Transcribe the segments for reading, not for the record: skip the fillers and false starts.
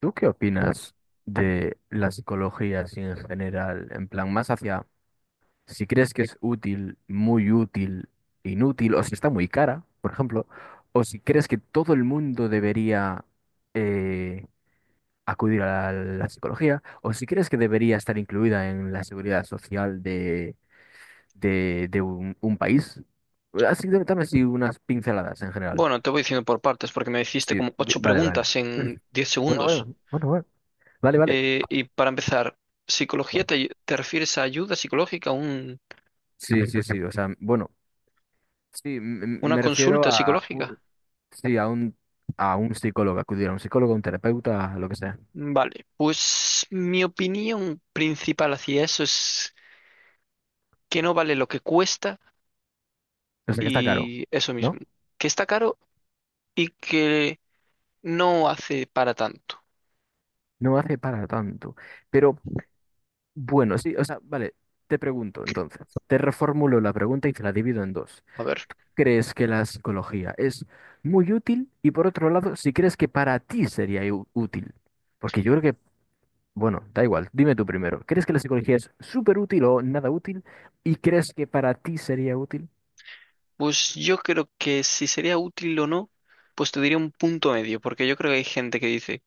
¿Tú qué opinas de la psicología así en general? En plan, más hacia si crees que es útil, muy útil, inútil, o si está muy cara, por ejemplo, o si crees que todo el mundo debería eh, acudir a la psicología, o si crees que debería estar incluida en la seguridad social de un país. Así, dame así unas pinceladas en general. Bueno, te voy diciendo por partes porque me hiciste Sí, como ocho vale, vale. preguntas en diez Bueno, segundos. bueno, bueno, bueno. Vale, vale. Y para empezar, ¿psicología te refieres a ayuda psicológica, un- Sí, sí, sí, o sea, bueno, sí, una me refiero consulta a, psicológica? sí, a un psicólogo, acudir a un psicólogo, a un terapeuta, a lo que sea. Vale, pues mi opinión principal hacia eso es que no vale lo que cuesta O sea, que está caro, y eso ¿no? mismo, que está caro y que no hace para tanto. No hace para tanto. Pero bueno, sí, o sea, vale, te pregunto entonces, te reformulo la pregunta y te la divido en dos. A ver, ¿Crees que la psicología es muy útil? Y por otro lado, si crees que para ti sería útil, porque yo creo que bueno, da igual, dime tú primero. ¿Crees que la psicología es súper útil o nada útil? ¿Y crees que para ti sería útil? pues yo creo que si sería útil o no, pues te diría un punto medio, porque yo creo que hay gente que dice: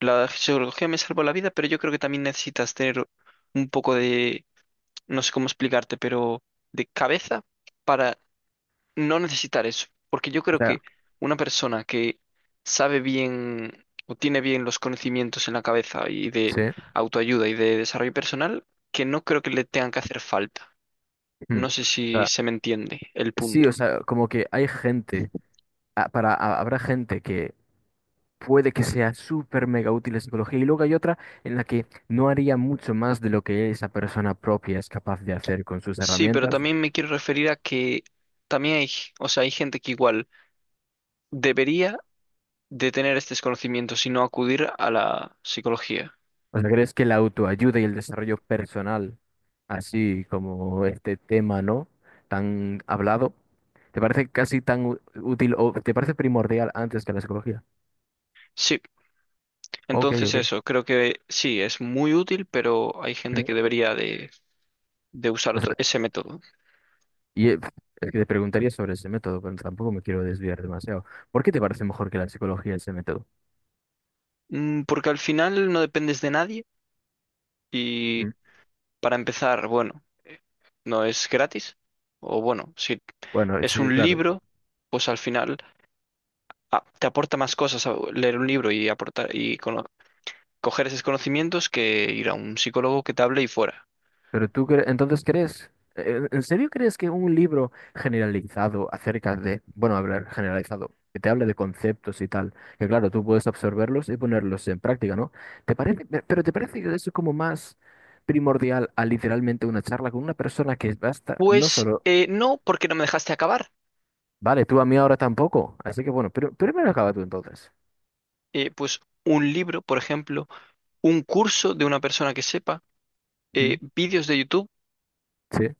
la geología me salvó la vida, pero yo creo que también necesitas tener un poco de, no sé cómo explicarte, pero de cabeza para no necesitar eso. Porque yo O creo que sea, una persona que sabe bien o tiene bien los conocimientos en la cabeza y de sí. autoayuda y de desarrollo personal, que no creo que le tengan que hacer falta. Mm. No sé O si sea, se me entiende el sí, o punto. sea, como que hay gente, habrá gente que puede que sea súper mega útil la psicología, y luego hay otra en la que no haría mucho más de lo que esa persona propia es capaz de hacer con sus Sí, pero herramientas. también me quiero referir a que también hay, o sea, hay gente que igual debería de tener estos conocimientos y no acudir a la psicología. O sea, ¿crees que la autoayuda y el desarrollo personal, así como este tema, ¿no? Tan hablado, ¿te parece casi tan útil o te parece primordial antes que la psicología? Sí, Ok, entonces ok. eso, creo que sí, es muy útil, pero hay gente Ujú. que debería de usar O sea, ese método. y es que te preguntaría sobre ese método, pero tampoco me quiero desviar demasiado. ¿Por qué te parece mejor que la psicología ese método? Porque al final no dependes de nadie y Mm. para empezar, bueno, no es gratis. O bueno, si Bueno, es sí, un claro. libro, pues al final te aporta más cosas leer un libro y aportar y coger esos conocimientos que ir a un psicólogo que te hable y fuera. Pero tú entonces crees, ¿en serio crees que un libro generalizado acerca de, bueno, hablar generalizado, que te hable de conceptos y tal, que claro, tú puedes absorberlos y ponerlos en práctica, ¿no? ¿Te parece, pero te parece que eso es como más primordial a literalmente una charla con una persona que basta, no Pues solo, no, porque no me dejaste acabar. vale, tú a mí ahora tampoco, así que bueno, pero primero acaba tú entonces. Pues un libro, por ejemplo, un curso de una persona que sepa, ¿Mm? vídeos de YouTube, ¿Sí?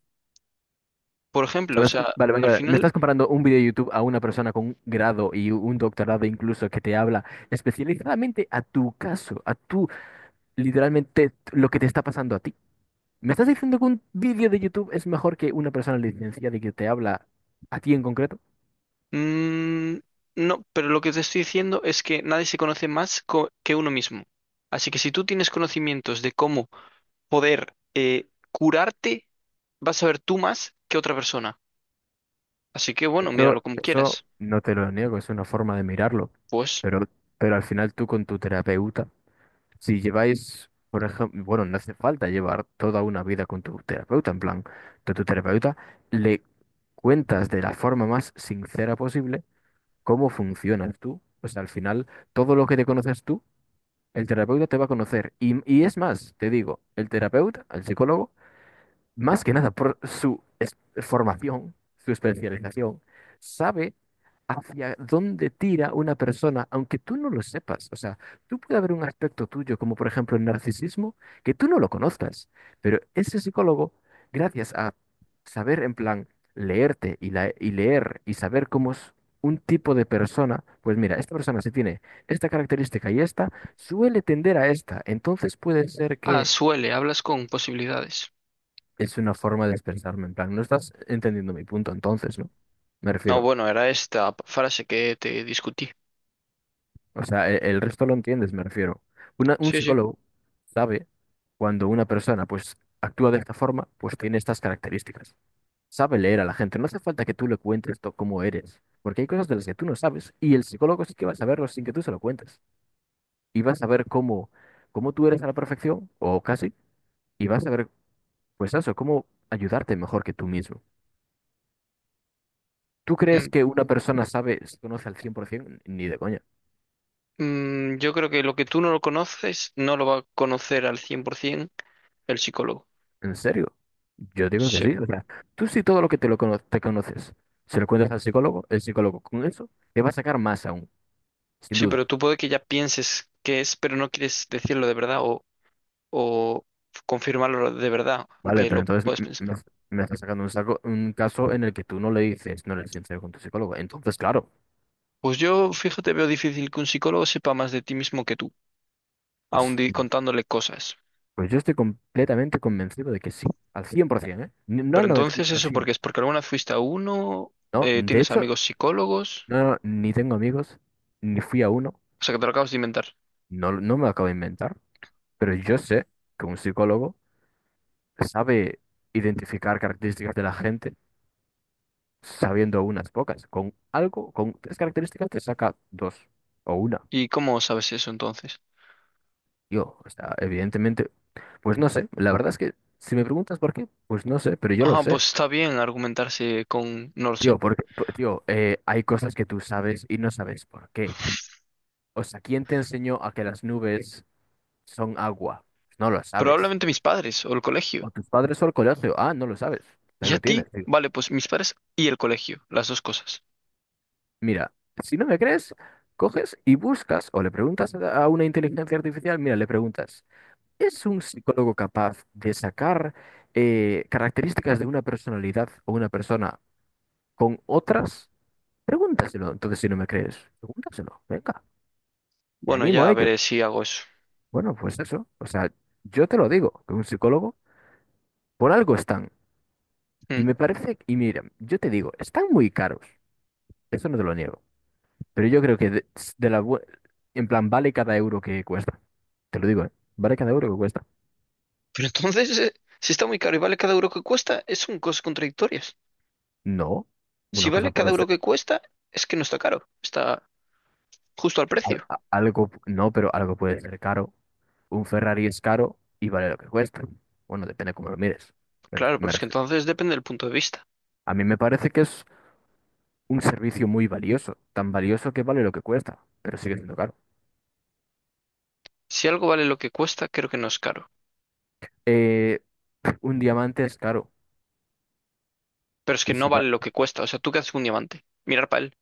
por ejemplo. O ¿Sabes? sea, Vale, vale, al vale. Me final, estás comparando un video de YouTube a una persona con un grado y un doctorado incluso que te habla especializadamente a tu caso, a tu, literalmente, lo que te está pasando a ti. ¿Me estás diciendo que un video de YouTube es mejor que una persona licenciada y que te habla a ti en concreto? mm, no, pero lo que te estoy diciendo es que nadie se conoce más que uno mismo. Así que si tú tienes conocimientos de cómo poder curarte, vas a ver tú más que otra persona. Así que bueno, Eso, míralo como eso quieras. no te lo niego, es una forma de mirarlo. Pues, Pero, pero al final tú con tu terapeuta. Si lleváis, por ejemplo, bueno, no hace falta llevar toda una vida con tu terapeuta, en plan, de tu terapeuta, le cuentas de la forma más sincera posible cómo funcionas tú. O sea, al final, todo lo que te conoces tú, el terapeuta te va a conocer. Y es más, te digo, el terapeuta, el psicólogo, más que nada por su formación, su especialización, sabe hacia dónde tira una persona, aunque tú no lo sepas. O sea, tú puede haber un aspecto tuyo, como por ejemplo el narcisismo, que tú no lo conozcas, pero ese psicólogo, gracias a saber en plan leerte y leer y saber cómo es un tipo de persona, pues mira, esta persona si tiene esta característica y esta, suele tender a esta. Entonces puede ser que suele, hablas con posibilidades. es una forma de expresarme, en plan, no estás entendiendo mi punto entonces, ¿no? Me No, refiero. bueno, era esta frase que te discutí. O sea, resto lo entiendes, me refiero. Un Sí, sí. psicólogo sabe cuando una persona pues actúa de esta forma, pues tiene estas características. Sabe leer a la gente, no hace falta que tú le cuentes cómo eres, porque hay cosas de las que tú no sabes y el psicólogo sí que va a saberlo sin que tú se lo cuentes. Y va a saber cómo, cómo tú eres a la perfección, o casi, y va a saber, pues eso, cómo ayudarte mejor que tú mismo. ¿Tú crees Mm, que una persona sabe, se conoce al 100%? Ni de coña. yo creo que lo que tú no lo conoces no lo va a conocer al 100% el psicólogo. ¿En serio? Yo digo que Sí, sí. O sea, tú si todo lo que te lo te conoces, se lo cuentas al psicólogo, el psicólogo con eso te va a sacar más aún, sin sí, duda. pero tú puede que ya pienses qué es, pero no quieres decirlo de verdad o confirmarlo de verdad, Vale, aunque pero lo entonces puedes pensar. me estás sacando un, saco, un caso en el que tú no le dices, no eres sincero con tu psicólogo. Entonces, claro, Pues yo, fíjate, veo difícil que un psicólogo sepa más de ti mismo que tú, pues, aun contándole cosas. pues yo estoy completamente convencido de que sí, al 100%, ¿eh? No Pero al 90, no, entonces, al ¿eso cien, porque es? ¿Porque alguna vez fuiste a uno? No, de ¿Tienes hecho, amigos psicólogos? no, no, ni tengo amigos, ni fui a uno, O sea, que te lo acabas de inventar. no, no me lo acabo de inventar. Pero yo sé que un psicólogo sabe identificar características de la gente sabiendo unas pocas. Con algo, con tres características te saca dos o una. ¿Y cómo sabes eso entonces? Yo, o sea, evidentemente, pues no sé. La verdad es que si me preguntas por qué, pues no sé, pero yo lo Ah, sé. pues está bien argumentarse con, no lo sé. Tío, porque, tío, hay cosas que tú sabes y no sabes por qué. O sea, ¿quién te enseñó a que las nubes son agua? No lo sabes. Probablemente mis padres o el colegio. O tus padres o el colegio. Ah, no lo sabes. Ahí ¿Y a lo ti? tienes. Vale, pues mis padres y el colegio, las dos cosas. Mira, si no me crees, coges y buscas o le preguntas a una inteligencia artificial, mira, le preguntas, ¿es un psicólogo capaz de sacar características de una personalidad o una persona con otras? Pregúntaselo. Entonces, si no me crees, pregúntaselo. Venga, te Bueno, animo a ya ello. veré si hago eso. Bueno, pues eso. O sea, yo te lo digo, que un psicólogo por algo están. Y Mm. me parece, y mira, yo te digo, están muy caros. Eso no te lo niego. Pero yo creo que de la, bu- en plan, vale cada euro que cuesta. Te lo digo, ¿eh? Vale cada euro que cuesta. Pero entonces, si está muy caro y vale cada euro que cuesta, es son cosas contradictorias. No, Si una cosa vale cada puede euro ser, que cuesta, es que no está caro, está justo al precio. Algo, no, pero algo puede ser caro. Un Ferrari es caro y vale lo que cuesta. Bueno, depende cómo lo mires. Claro, pero Me es que refiero. entonces depende del punto de vista. A mí me parece que es un servicio muy valioso, tan valioso que vale lo que cuesta, pero sigue siendo caro. Si algo vale lo que cuesta, creo que no es caro. Eh, un diamante es caro Pero es y que si, no vale lo que cuesta. O sea, ¿tú qué haces con un diamante? Mirar para él.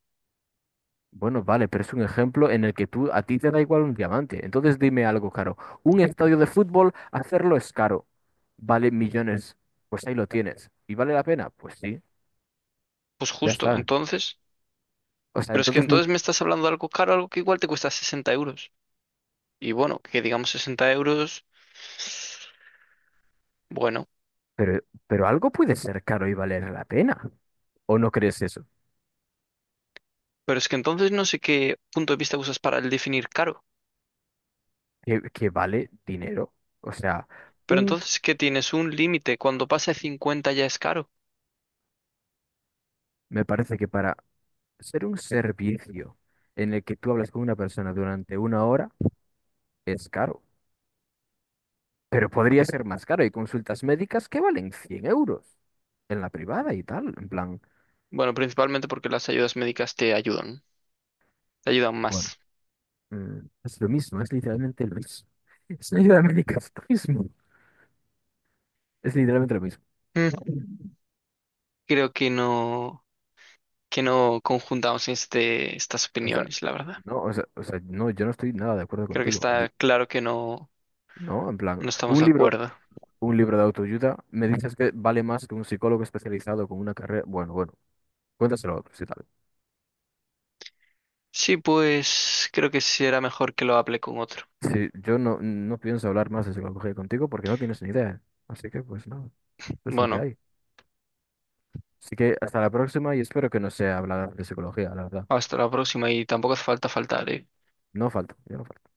bueno, vale, pero es un ejemplo en el que tú a ti te da igual un diamante. Entonces dime algo caro. Un estadio de fútbol, hacerlo es caro. Vale millones. Pues ahí lo tienes. ¿Y vale la pena? Pues sí, Pues ya justo, está. entonces. O sea, Pero es que entonces no. entonces me estás hablando de algo caro, algo que igual te cuesta 60 euros. Y bueno, que digamos 60 euros, bueno, Pero, pero algo puede ser caro y valer la pena. ¿O no crees eso? pero es que entonces no sé qué punto de vista usas para el definir caro. Que vale dinero. O sea, Pero un. entonces qué tienes un límite, cuando pase 50 ya es caro. Me parece que para ser un servicio en el que tú hablas con una persona durante una hora es caro. Pero podría ser más caro. Hay consultas médicas que valen 100 euros en la privada y tal. En plan, Bueno, principalmente porque las ayudas médicas te ayudan bueno, más. mm, es lo mismo, es literalmente lo mismo. Es literalmente lo mismo. Es literalmente lo mismo. Mm. Creo que no conjuntamos estas O sea, opiniones, la verdad. no, o sea, no, yo no estoy nada de acuerdo Creo que contigo. está claro que no, No, en plan, no estamos de acuerdo. un libro de autoayuda, me dices que vale más que un psicólogo especializado con una carrera. Bueno, bueno, cuéntaselo a otros y tal. Sí, pues creo que sí será mejor que lo hable con otro. Sí, yo no, no pienso hablar más de psicología contigo porque no tienes ni idea. Así que, pues no, es lo que Bueno, hay. Así que hasta la próxima y espero que no sea hablar de psicología, la verdad. hasta la próxima y tampoco hace falta faltar, ¿eh? No falta, yo no falto.